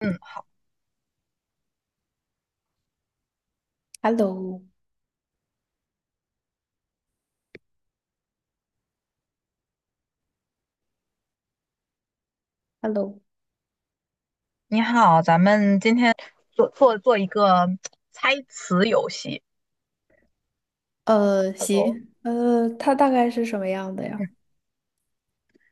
嗯，Hello,Hello,你好，咱们今天做一个猜词游戏。Hello，行，它大概是什么样的嗯，呀？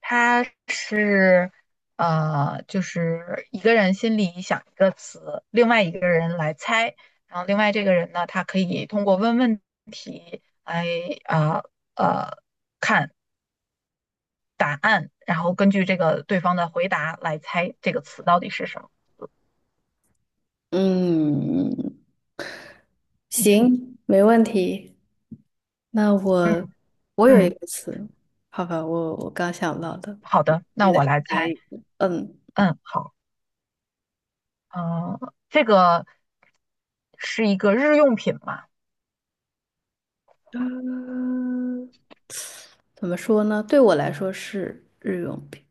它是就是一个人心里想一个词，另外一个人来猜，然后另外这个人呢，他可以通过问问题来呃呃答案，然后根据这个对方的回答来猜这个词到底是什么。嗯，明，行，没问题。那嗯我有一嗯，个词，好吧，我刚想到的，好的，你那来我来猜猜。一个。嗯，嗯，好，这个。是一个日用品嘛，嗯，怎么说呢？对我来说是日用品，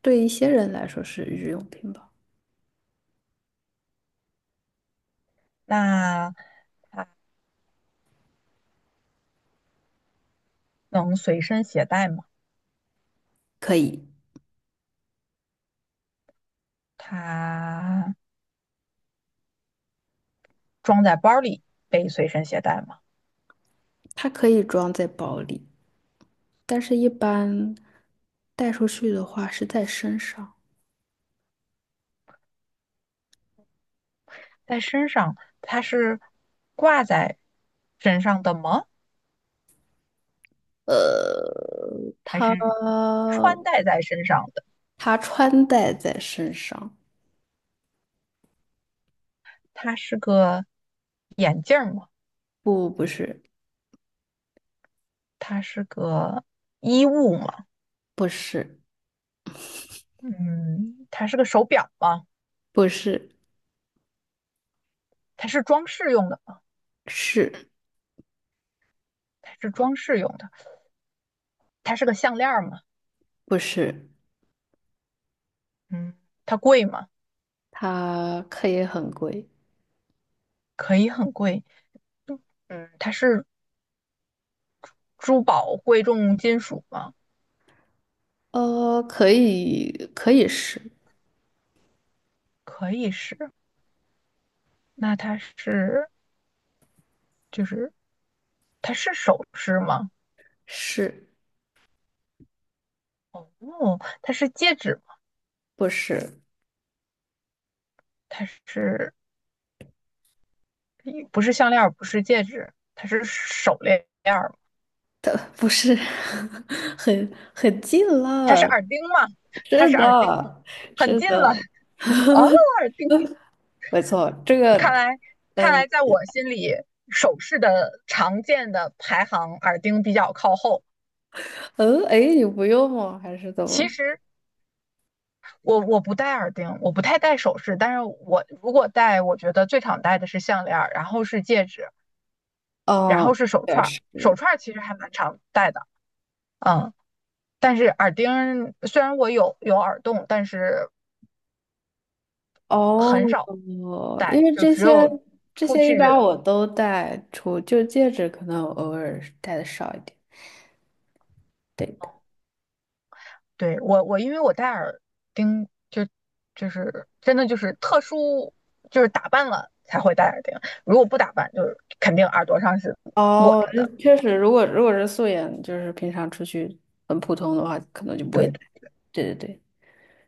对一些人来说是日用品吧。那能随身携带吗？可以，它装在包里被随身携带吗？它可以装在包里，但是一般带出去的话是在身上。在身上它是挂在身上的吗？呃，还他是穿戴在身上的？他穿戴在身上，它是个眼镜吗？不，不是，它是个衣物吗？不是，嗯，它是个手表吗？不是，它是装饰用的吗？是它是装饰用的。它是个项链吗？不是？嗯，它贵吗？它可以很贵，可以很贵。嗯，它是珠宝贵重金属吗？可以，可以是可以是。那它就是它是首饰吗？是，哦，它是戒指吗？不是它是不是项链儿？不是戒指，它是手链儿吗？的，不是，很近它是了，耳钉吗？它是是耳钉吗，的，很是近了。的，哦，耳钉，没错，这看个，来看嗯来在我心里，首饰的常见的排行，耳钉比较靠后。嗯，哎，你不用吗？还是怎其么？实我不戴耳钉，我不太戴首饰，但是我如果戴，我觉得最常戴的是项链然后是戒指，然哦，后是手也串儿。是。手串儿其实还蛮常戴的，嗯，但是耳钉虽然我有耳洞，但是哦，很少因戴，为就这只些有这出些去。一般我都戴出，就戒指可能我偶尔是戴的少一点。对嗯的。对，我因为我戴耳钉，就是真的就是特殊，就是打扮了才会戴耳钉，如果不打扮，就是肯定耳朵上是裸哦，着这的。确实，如果是素颜，就是平常出去很普通的话，可能就不会对。戴。对对对，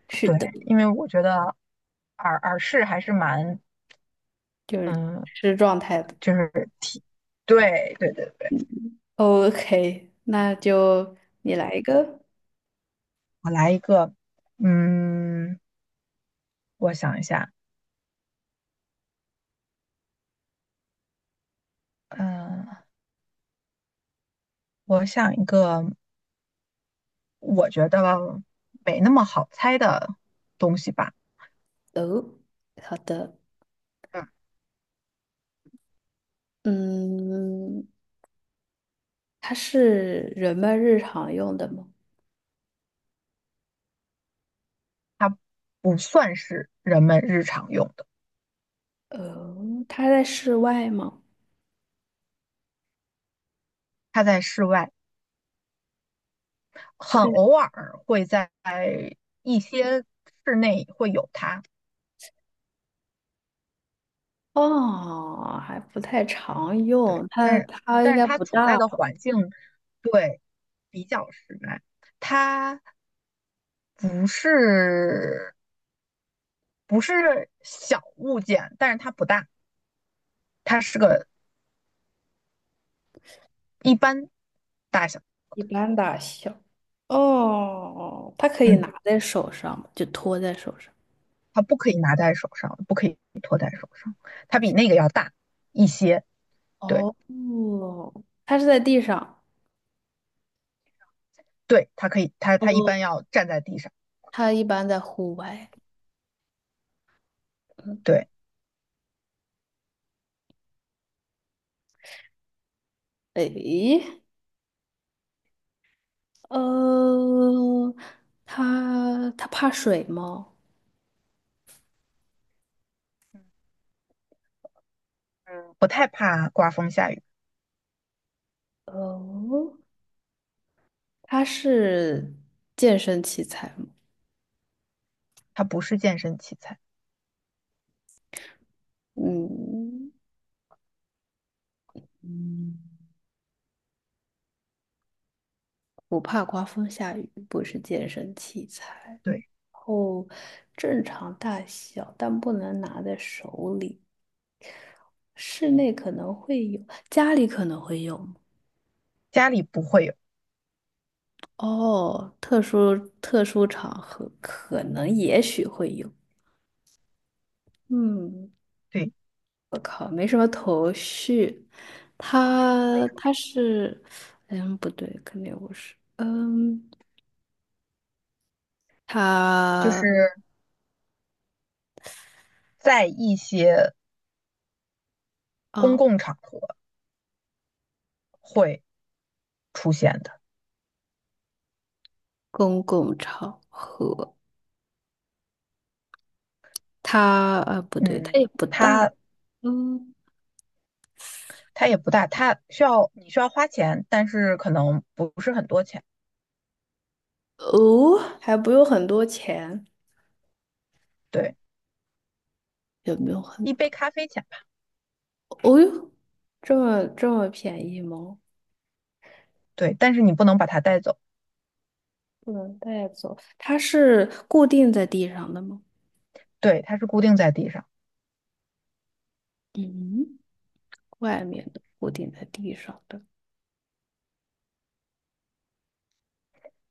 是对，的，因为我觉得耳饰还是蛮，嗯，是状态的。就是挺，对对对对。OK,那就你来一个。我来一个，嗯，我想一下，嗯、我想一个，我觉得没那么好猜的东西吧，哦，好的。嗯，嗯，它是人们日常用的吗？它不算是人们日常用的，呃，它在室外吗？它在室外，它很在。偶尔会在一些室内会有它。哦，还不太常对，用，但它是它应但是该他不处在大的吧，环境对比较实在，它不是不是小物件，但是它不大，它是个一般大小，一般大小。哦，它可以嗯，拿在手上吗，就托在手上。它不可以拿在手上，不可以托在手上，它比那个要大一些，对哦，它是在地上。对，它可以，它哦，它一般要站在地上，它一般在户外。嗯，对，诶，呃，它怕水吗？嗯，不太怕刮风下雨，哦，它是健身器材吗？它不是健身器材，嗯。不怕刮风下雨，不是健身器材。对，后正常大小，但不能拿在手里。室内可能会有，家里可能会有吗？家里不会有，哦，特殊场合可能也许会有。嗯，对，我靠，没什么头绪。没他什么他是，嗯，不对，肯定不是。嗯，就他是在一些公啊，共场合会出现的。公共场合。他啊，不对，他嗯，也不大，它嗯，它也不大，它需要你需要花钱，但是可能不是很多钱，哦，还不用很多钱，对，也没有很一杯咖啡钱吧，哦哟，这么便宜吗？对，但是你不能把它带走，不能带走，它是固定在地上的吗？对，它是固定在地上。嗯，外面的固定在地上的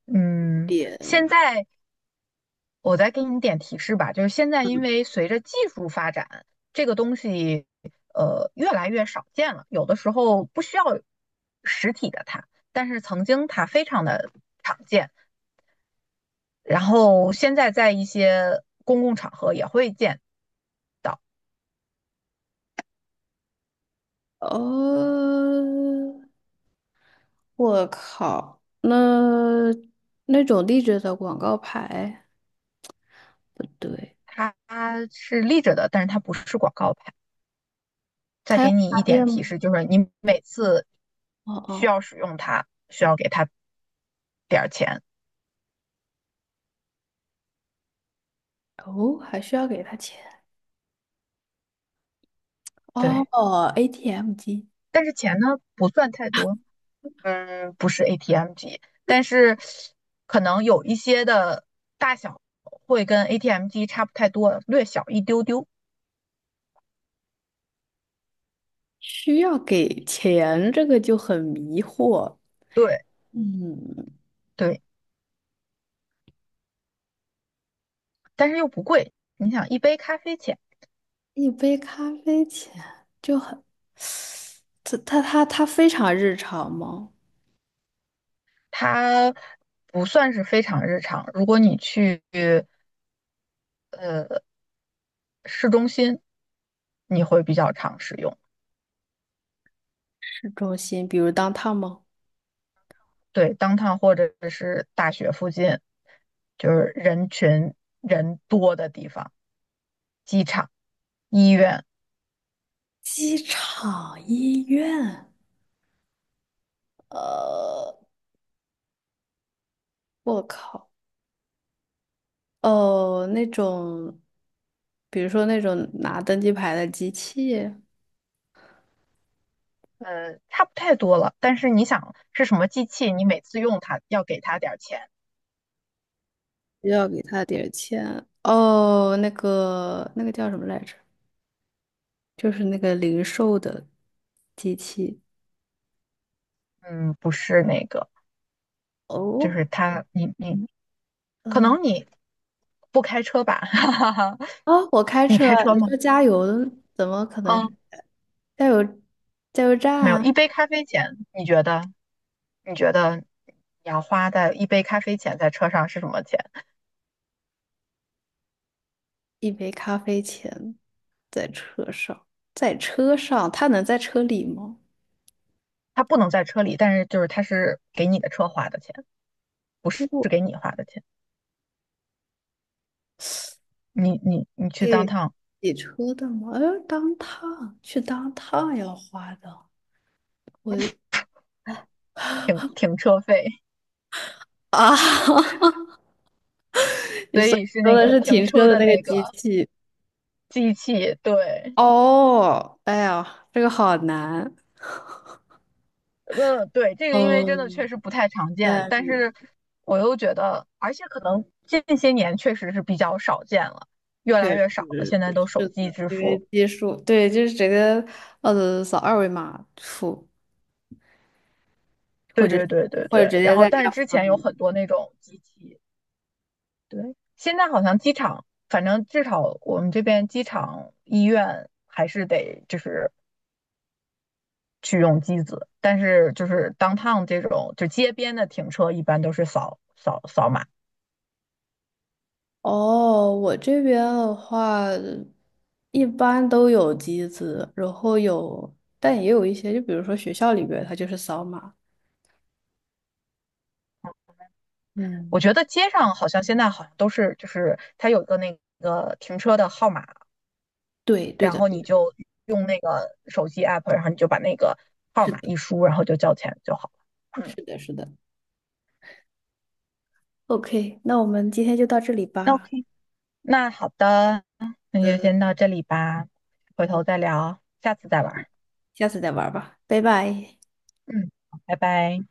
嗯，点，现在我再给你点提示吧，就是现在因嗯，为随着技术发展，这个东西越来越少见了，有的时候不需要实体的它，但是曾经它非常的常见。然后现在在一些公共场合也会见，哦，我靠，那那种立着的广告牌不对，它是立着的，但是它不是广告牌。再它要给你一插点电提吗？示，就是你每次哦需哦要使用它，需要给它点儿钱。哦，还需要给他钱。对，哦，ATM 机但是钱呢不算太多，嗯，不是 ATM 机，但是可能有一些的大小会跟 ATM 机差不太多，略小一丢丢。需要给钱，这个就很迷惑。对嗯，对，但是又不贵。你想，一杯咖啡钱。一杯咖啡钱就很，它非常日常吗？它不算是非常日常。如果你去呃市中心，你会比较常使用。市中心，比如当 o w 吗？对，downtown 或者是大学附近，就是人多的地方，机场、医院，机场、医院，呃，我靠，哦，那种，比如说那种拿登机牌的机器，差不太多了。但是你想是什么机器，你每次用它要给它点儿钱，需要给他点儿钱。哦，那个那个叫什么来着？就是那个零售的机器。嗯，不是那个，就哦，是它，你你可嗯，能你不开车吧，哈哈哈，啊，我开你车开啊，车你吗？说加油的，怎么可能是嗯。加油加油站没有，一啊？杯咖啡钱，你觉得？你觉得你要花在一杯咖啡钱在车上是什么钱？一杯咖啡钱在车上，在车上，他能在车里吗？它不能在车里，但是就是它是给你的车花的钱，不给是是给我你花的钱。你去当给趟洗车的吗？哎，当趟要花的，我停车费，啊，你所说以是说那的个是停停车车的的那个那机个器。机器。对，哦，哎呀，这个好难。嗯，对，这个因为真的确嗯，实不太常见，但但是我又觉得，而且可能近些年确实是比较少见了，越确来越少了。实现在都是手机的，支因为付。基数对，就是直接扫二维码付，或对者对对对或者对，直然接后在 但是 App 之上前有面。很多那种机器，对，现在好像机场，反正至少我们这边机场医院还是得就是去用机子，但是就是 downtown 这种就街边的停车一般都是扫扫码，哦，我这边的话，一般都有机子，然后有，但也有一些，就比如说学校里边，它就是扫码。我嗯，觉得街上好像现在好像都是就是它有一个那个停车的号码，对，对然的，后对你的，就用那个手机 app，然后你就把那个号是码的，一输，然后就交钱就好了。嗯，是的，是的。OK,那我们今天就到这里吧，OK，那好的，那就呃，先到这里吧，回头再聊，下次再玩儿下次再玩吧，拜拜。嗯，拜拜。